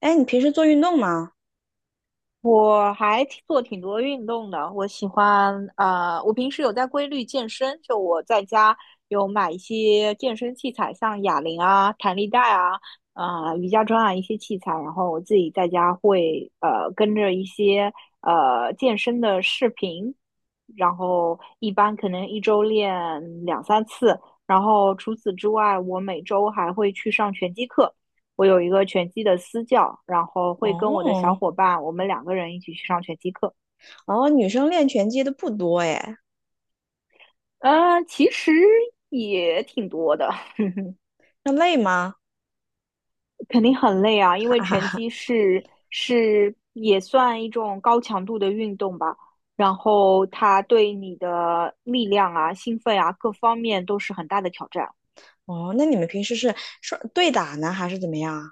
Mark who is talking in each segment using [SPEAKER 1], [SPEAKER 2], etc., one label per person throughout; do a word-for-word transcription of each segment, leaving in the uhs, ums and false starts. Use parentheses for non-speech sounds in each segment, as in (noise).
[SPEAKER 1] 哎，你平时做运动吗？
[SPEAKER 2] 我还挺做挺多运动的，我喜欢呃，我平时有在规律健身，就我在家有买一些健身器材，像哑铃啊、弹力带啊、啊、瑜伽砖啊一些器材，然后我自己在家会呃跟着一些呃健身的视频，然后一般可能一周练两三次，然后除此之外，我每周还会去上拳击课。我有一个拳击的私教，然后会跟我的小
[SPEAKER 1] 哦，
[SPEAKER 2] 伙伴，我们两个人一起去上拳击课。
[SPEAKER 1] 哦，女生练拳击的不多哎，
[SPEAKER 2] 呃，其实也挺多的。(laughs)
[SPEAKER 1] 那累吗？
[SPEAKER 2] 肯定很累啊，
[SPEAKER 1] (laughs)
[SPEAKER 2] 因为
[SPEAKER 1] 哈哈
[SPEAKER 2] 拳
[SPEAKER 1] 哈。
[SPEAKER 2] 击是是也算一种高强度的运动吧，然后它对你的力量啊、兴奋啊各方面都是很大的挑战。
[SPEAKER 1] 哦，那你们平时是说对打呢，还是怎么样啊？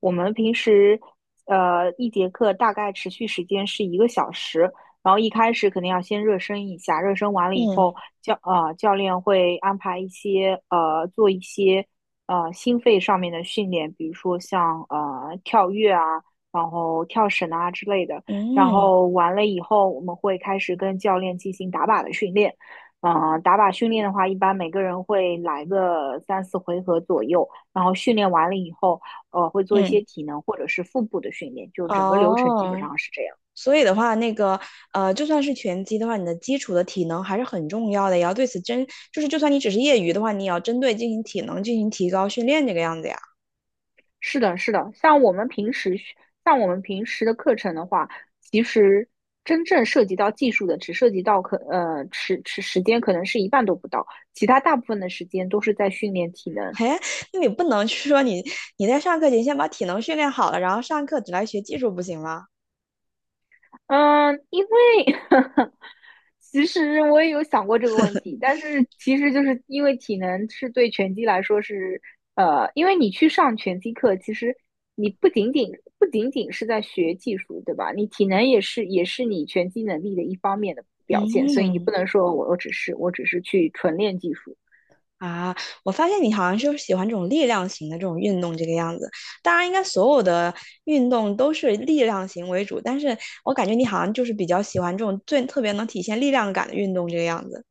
[SPEAKER 2] 我们平时呃一节课大概持续时间是一个小时，然后一开始肯定要先热身一下，热身完了以
[SPEAKER 1] 嗯
[SPEAKER 2] 后，教呃教练会安排一些呃做一些呃心肺上面的训练，比如说像呃跳跃啊，然后跳绳啊之类的。然
[SPEAKER 1] 嗯
[SPEAKER 2] 后完了以后，我们会开始跟教练进行打靶的训练。嗯、打靶训练的话，一般每个人会来个三四回合左右。然后训练完了以后，呃，会做一些
[SPEAKER 1] 嗯，
[SPEAKER 2] 体能或者是腹部的训练，就整个流程基本
[SPEAKER 1] 哦，
[SPEAKER 2] 上是这样。
[SPEAKER 1] 所以的话，那个呃，就算是拳击的话，你的基础的体能还是很重要的，也要对此针，就是就算你只是业余的话，你也要针对进行体能进行提高训练这个样子呀。
[SPEAKER 2] 是的，是的，像我们平时像我们平时的课程的话，其实真正涉及到技术的，只涉及到可呃时时时间可能是一半都不到，其他大部分的时间都是在训练体能。
[SPEAKER 1] 嘿，那你不能去说你你在上课前先把体能训练好了，然后上课只来学技术不行吗？
[SPEAKER 2] 嗯，因为 (laughs) 其实我也有想过这个问题，但是其实就是因为体能是对拳击来说是，呃，因为你去上拳击课，其实你不仅仅不仅仅是在学技术，对吧？你体能也是也是你拳击能力的一方面的表现，所以你
[SPEAKER 1] 嗯
[SPEAKER 2] 不能说我我只是我只是去纯练技术。
[SPEAKER 1] 啊，我发现你好像就是喜欢这种力量型的这种运动这个样子。当然，应该所有的运动都是力量型为主，但是我感觉你好像就是比较喜欢这种最特别能体现力量感的运动这个样子。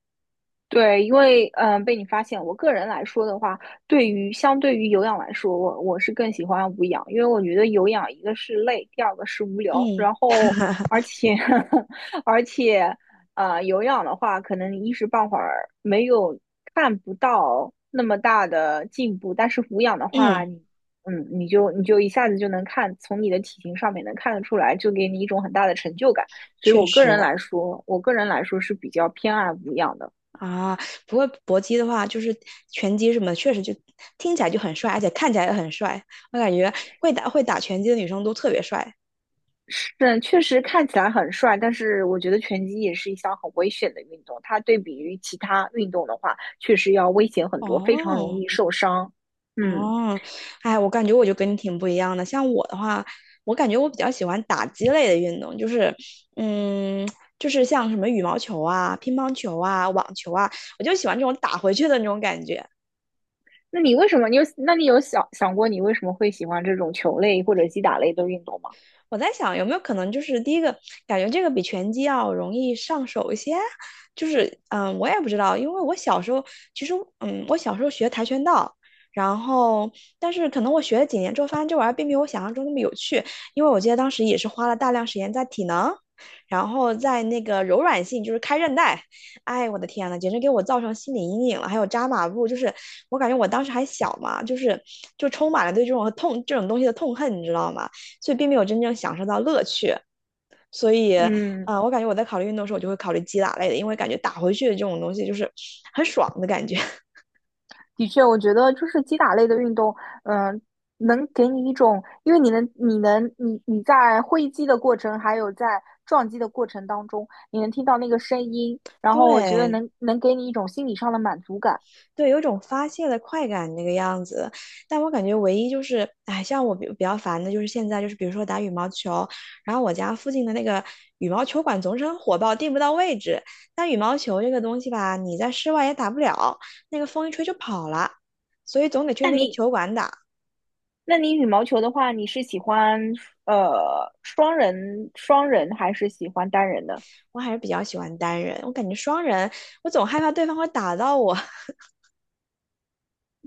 [SPEAKER 2] 对，因为嗯、呃被你发现，我个人来说的话，对于相对于有氧来说，我我是更喜欢无氧，因为我觉得有氧一个是累，第二个是无聊，
[SPEAKER 1] 嗯
[SPEAKER 2] 然后而且 (laughs) 而且呃有氧的话，可能一时半会儿没有看不到那么大的进步，但是无氧的话，
[SPEAKER 1] 嗯，
[SPEAKER 2] 你嗯你就你就一下子就能看，从你的体型上面能看得出来，就给你一种很大的成就感。所以
[SPEAKER 1] 确
[SPEAKER 2] 我个
[SPEAKER 1] 实
[SPEAKER 2] 人来说，我个人来说是比较偏爱无氧的。
[SPEAKER 1] 啊。不过搏击的话，就是拳击什么的，确实就听起来就很帅，而且看起来也很帅。我感觉会打会打拳击的女生都特别帅。
[SPEAKER 2] 是，嗯确实看起来很帅，但是我觉得拳击也是一项很危险的运动。它对比于其他运动的话，确实要危险很多，非常容
[SPEAKER 1] 哦，
[SPEAKER 2] 易受伤。嗯，
[SPEAKER 1] 哦，哎，我感觉我就跟你挺不一样的。像我的话，我感觉我比较喜欢打击类的运动，就是，嗯，就是像什么羽毛球啊、乒乓球啊、网球啊，我就喜欢这种打回去的那种感觉。
[SPEAKER 2] 那你为什么？你有，那你有想想过你为什么会喜欢这种球类或者击打类的运动吗？
[SPEAKER 1] 我在想有没有可能就是第一个感觉这个比拳击要容易上手一些，就是嗯，我也不知道，因为我小时候其实嗯，我小时候学跆拳道。然后，但是可能我学了几年之后，发现这玩意儿并没有我想象中那么有趣，因为我记得当时也是花了大量时间在体能，然后在那个柔软性，就是开韧带，哎，我的天呐，简直给我造成心理阴影了。还有扎马步，就是我感觉我当时还小嘛，就是就充满了对这种痛这种东西的痛恨，你知道吗？所以并没有真正享受到乐趣。所以，
[SPEAKER 2] 嗯
[SPEAKER 1] 呃，我感觉我在考虑运动的时候，我就会考虑击打类的，因为感觉打回去的这种东西就是很爽的感觉。(laughs)
[SPEAKER 2] 的确，我觉得就是击打类的运动，嗯、能给你一种，因为你能，你能，你你在挥击的过程，还有在撞击的过程当中，你能听到那个声音，然后我觉得
[SPEAKER 1] 对
[SPEAKER 2] 能能给你一种心理上的满足感。
[SPEAKER 1] 对，有一种发泄的快感那个样子。但我感觉唯一就是，哎，像我比比较烦的就是现在就是，比如说打羽毛球，然后我家附近的那个羽毛球馆总是很火爆，订不到位置。但羽毛球这个东西吧，你在室外也打不了，那个风一吹就跑了，所以总得去
[SPEAKER 2] 那
[SPEAKER 1] 那个
[SPEAKER 2] 你，
[SPEAKER 1] 球馆打。
[SPEAKER 2] 那你羽毛球的话，你是喜欢呃双人双人还是喜欢单人的？
[SPEAKER 1] 我还是比较喜欢单人，我感觉双人，我总害怕对方会打到我。(laughs)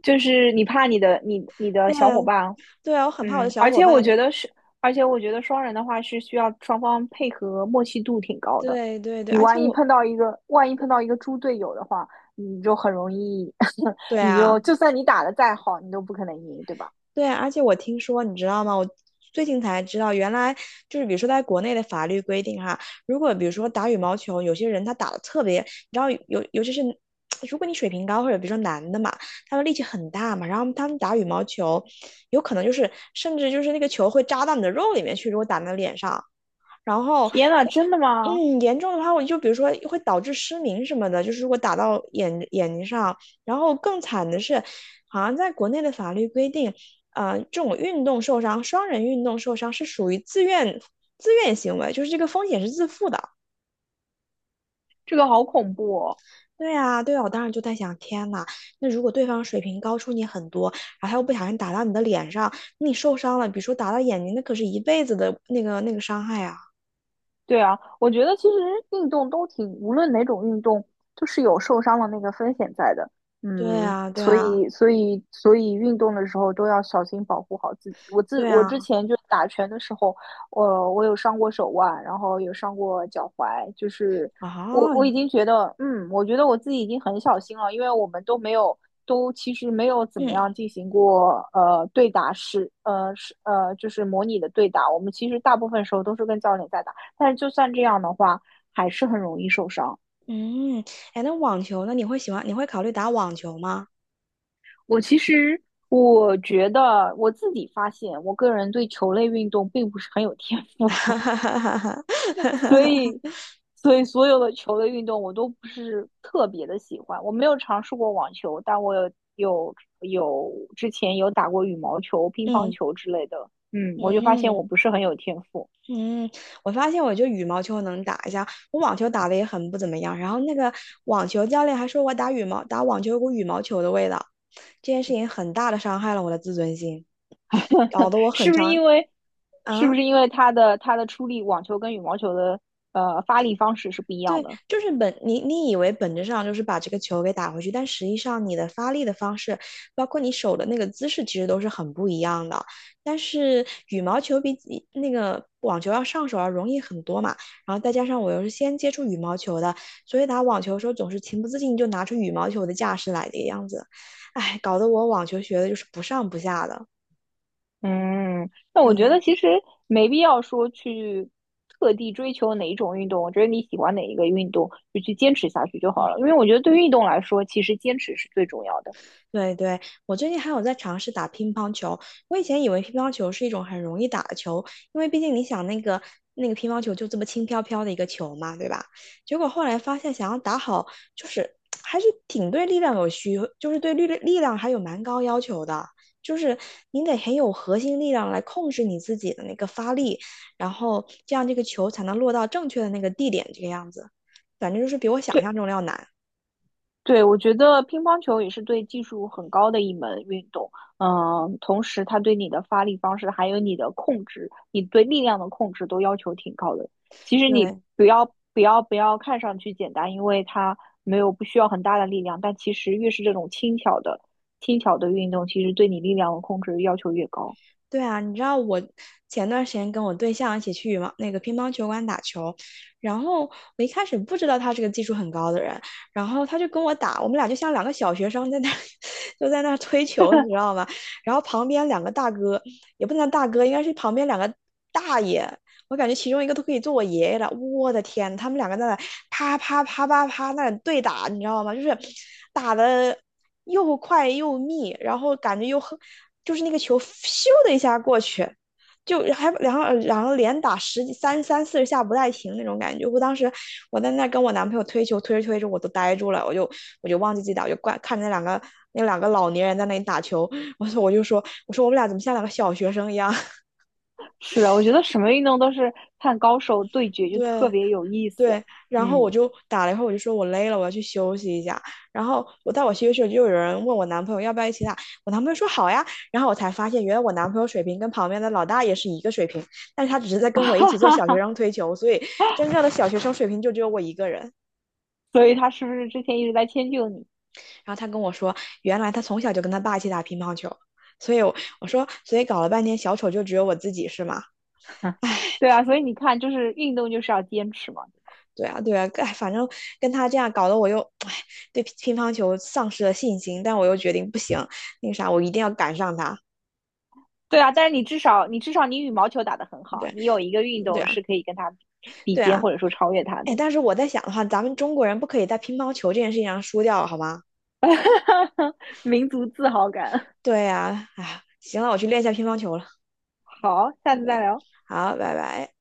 [SPEAKER 2] 就是你怕你的你你的
[SPEAKER 1] 对
[SPEAKER 2] 小伙伴。
[SPEAKER 1] 对啊，我很怕我的
[SPEAKER 2] 嗯，
[SPEAKER 1] 小
[SPEAKER 2] 而
[SPEAKER 1] 伙
[SPEAKER 2] 且
[SPEAKER 1] 伴。
[SPEAKER 2] 我觉得是，而且我觉得双人的话是需要双方配合默契度挺高的。
[SPEAKER 1] 对对对，
[SPEAKER 2] 你
[SPEAKER 1] 而且
[SPEAKER 2] 万一
[SPEAKER 1] 我，
[SPEAKER 2] 碰到一个，万一碰到一个猪队友的话，你就很容易，(laughs)
[SPEAKER 1] 对
[SPEAKER 2] 你
[SPEAKER 1] 啊，
[SPEAKER 2] 就就算你打的再好，你都不可能赢，对吧？
[SPEAKER 1] 对啊，而且我听说，你知道吗？我最近才知道，原来就是比如说在国内的法律规定哈，如果比如说打羽毛球，有些人他打的特别，你知道，尤尤其是如果你水平高，或者比如说男的嘛，他们力气很大嘛，然后他们打羽毛球，有可能就是甚至就是那个球会扎到你的肉里面去，如果打在脸上。然后可
[SPEAKER 2] 天呐，真的吗？
[SPEAKER 1] 嗯，严重的话，我就比如说会导致失明什么的，就是如果打到眼眼睛上，然后更惨的是，好像在国内的法律规定，呃，这种运动受伤，双人运动受伤是属于自愿自愿行为，就是这个风险是自负的。
[SPEAKER 2] 这个好恐怖哦！
[SPEAKER 1] 对啊，对啊，我当时就在想，天呐，那如果对方水平高出你很多，然后他又不小心打到你的脸上，那你受伤了，比如说打到眼睛，那可是一辈子的那个那个伤害啊。
[SPEAKER 2] 对啊，我觉得其实运动都挺，无论哪种运动，都是有受伤的那个风险在的。
[SPEAKER 1] 对
[SPEAKER 2] 嗯，
[SPEAKER 1] 啊，对
[SPEAKER 2] 所
[SPEAKER 1] 啊，
[SPEAKER 2] 以所以所以运动的时候都要小心保护好自己。我自
[SPEAKER 1] 对
[SPEAKER 2] 我之
[SPEAKER 1] 啊，
[SPEAKER 2] 前就打拳的时候，我我有伤过手腕，然后有伤过脚踝，就是我
[SPEAKER 1] 啊，
[SPEAKER 2] 我已经觉得，嗯，我觉得我自己已经很小心了，因为我们都没有都其实没有怎么
[SPEAKER 1] 嗯
[SPEAKER 2] 样进行过呃对打，是呃是呃就是模拟的对打，我们其实大部分时候都是跟教练在打。但是就算这样的话，还是很容易受伤。
[SPEAKER 1] 嗯，哎，那网球呢？你会喜欢？你会考虑打网球吗？
[SPEAKER 2] 我其实我觉得我自己发现，我个人对球类运动并不是很有天赋。(laughs) 所
[SPEAKER 1] (laughs)
[SPEAKER 2] 以所以所有的球类运动我都不是特别的喜欢。我没有尝试过网球，但我有有有之前有打过羽毛球、乒乓
[SPEAKER 1] 嗯
[SPEAKER 2] 球之类的。嗯，我就发现
[SPEAKER 1] 嗯
[SPEAKER 2] 我不是很有天赋。
[SPEAKER 1] 嗯，我发现我就羽毛球能打一下，我网球打的也很不怎么样。然后那个网球教练还说我打羽毛打网球有股羽毛球的味道，这件事情很大的伤害了我的自尊心，搞
[SPEAKER 2] (laughs)
[SPEAKER 1] 得我很
[SPEAKER 2] 是不是
[SPEAKER 1] 伤
[SPEAKER 2] 因为是不
[SPEAKER 1] 啊。
[SPEAKER 2] 是因为它的它的出力，网球跟羽毛球的呃发力方式是不一样
[SPEAKER 1] 对，
[SPEAKER 2] 的？
[SPEAKER 1] 就是本你你以为本质上就是把这个球给打回去，但实际上你的发力的方式，包括你手的那个姿势，其实都是很不一样的。但是羽毛球比起那个网球要上手要容易很多嘛，然后再加上我又是先接触羽毛球的，所以打网球的时候总是情不自禁就拿出羽毛球的架势来这个样子，哎，搞得我网球学的就是不上不下的。
[SPEAKER 2] 嗯，那我
[SPEAKER 1] 对，
[SPEAKER 2] 觉得其实没必要说去特地追求哪一种运动，我觉得你喜欢哪一个运动，就去坚持下去就好了。
[SPEAKER 1] 嗯。
[SPEAKER 2] 因为我觉得对于运动来说，其实坚持是最重要的。
[SPEAKER 1] 对对，我最近还有在尝试打乒乓球。我以前以为乒乓球是一种很容易打的球，因为毕竟你想那个那个乒乓球就这么轻飘飘的一个球嘛，对吧？结果后来发现，想要打好，就是还是挺对力量有需，就是对力力量还有蛮高要求的。就是你得很有核心力量来控制你自己的那个发力，然后这样这个球才能落到正确的那个地点，这个样子。反正就是比我想
[SPEAKER 2] 对。
[SPEAKER 1] 象中的要难。
[SPEAKER 2] 对，我觉得乒乓球也是对技术很高的一门运动，嗯，同时它对你的发力方式，还有你的控制，你对力量的控制都要求挺高的。其实你
[SPEAKER 1] 对，
[SPEAKER 2] 不要不要不要看上去简单，因为它没有不需要很大的力量，但其实越是这种轻巧的轻巧的运动，其实对你力量的控制要求越高。
[SPEAKER 1] 对啊，你知道我前段时间跟我对象一起去羽毛那个乒乓球馆打球，然后我一开始不知道他是个技术很高的人，然后他就跟我打，我们俩就像两个小学生在那 (laughs) 就在那推球，你知
[SPEAKER 2] (laughs)
[SPEAKER 1] 道吗？然后旁边两个大哥，也不能叫大哥，应该是旁边两个大爷，我感觉其中一个都可以做我爷爷了，我的天，他们两个在那啪啪啪啪啪那对打，你知道吗？就是打的又快又密，然后感觉又很就是那个球咻的一下过去，就还然后然后连打十几三三四十下不带停那种感觉。我当时我在那跟我男朋友推球，推着推着我都呆住了，我就我就忘记自己打，我就怪看着那两个那两个老年人在那里打球，我说我就说我说我们俩怎么像两个小学生一样？
[SPEAKER 2] 是啊，我觉得什么运动都是看高手对
[SPEAKER 1] (laughs)
[SPEAKER 2] 决就特
[SPEAKER 1] 对。
[SPEAKER 2] 别有意思。
[SPEAKER 1] 对，然后我
[SPEAKER 2] 嗯，
[SPEAKER 1] 就打了一会儿，我就说我累了，我要去休息一下。然后我在我休息的时候，就有人问我男朋友要不要一起打，我男朋友说好呀。然后我才发现，原来我男朋友水平跟旁边的老大爷是一个水平，但是他只是在
[SPEAKER 2] (laughs)
[SPEAKER 1] 跟我一
[SPEAKER 2] 哈
[SPEAKER 1] 起做
[SPEAKER 2] 哈
[SPEAKER 1] 小学
[SPEAKER 2] 哈，
[SPEAKER 1] 生推球，所以真正的小学生水平就只有我一个人。
[SPEAKER 2] 所以他是不是之前一直在迁就你？
[SPEAKER 1] 然后他跟我说，原来他从小就跟他爸一起打乒乓球，所以我我说，所以搞了半天小丑就只有我自己是吗？(laughs)
[SPEAKER 2] 对啊，所以你看，就是运动就是要坚持嘛。
[SPEAKER 1] 对啊，对啊，哎，反正跟他这样搞得我又，哎，对乒乒乓球丧失了信心，但我又决定不行，那个啥，我一定要赶上他。
[SPEAKER 2] 对啊，但是你至少你至少你羽毛球打得很好，
[SPEAKER 1] 对，
[SPEAKER 2] 你有一个运
[SPEAKER 1] 对
[SPEAKER 2] 动
[SPEAKER 1] 啊，
[SPEAKER 2] 是可以跟他比比
[SPEAKER 1] 对
[SPEAKER 2] 肩
[SPEAKER 1] 啊，
[SPEAKER 2] 或者说超越他
[SPEAKER 1] 哎，
[SPEAKER 2] 的。
[SPEAKER 1] 但是我在想的话，咱们中国人不可以在乒乓球这件事情上输掉，好吗？
[SPEAKER 2] (laughs) 民族自豪感。
[SPEAKER 1] 对啊，哎，行了，我去练一下乒乓球了。
[SPEAKER 2] 好，下次再
[SPEAKER 1] OK，
[SPEAKER 2] 聊。
[SPEAKER 1] 好，拜拜。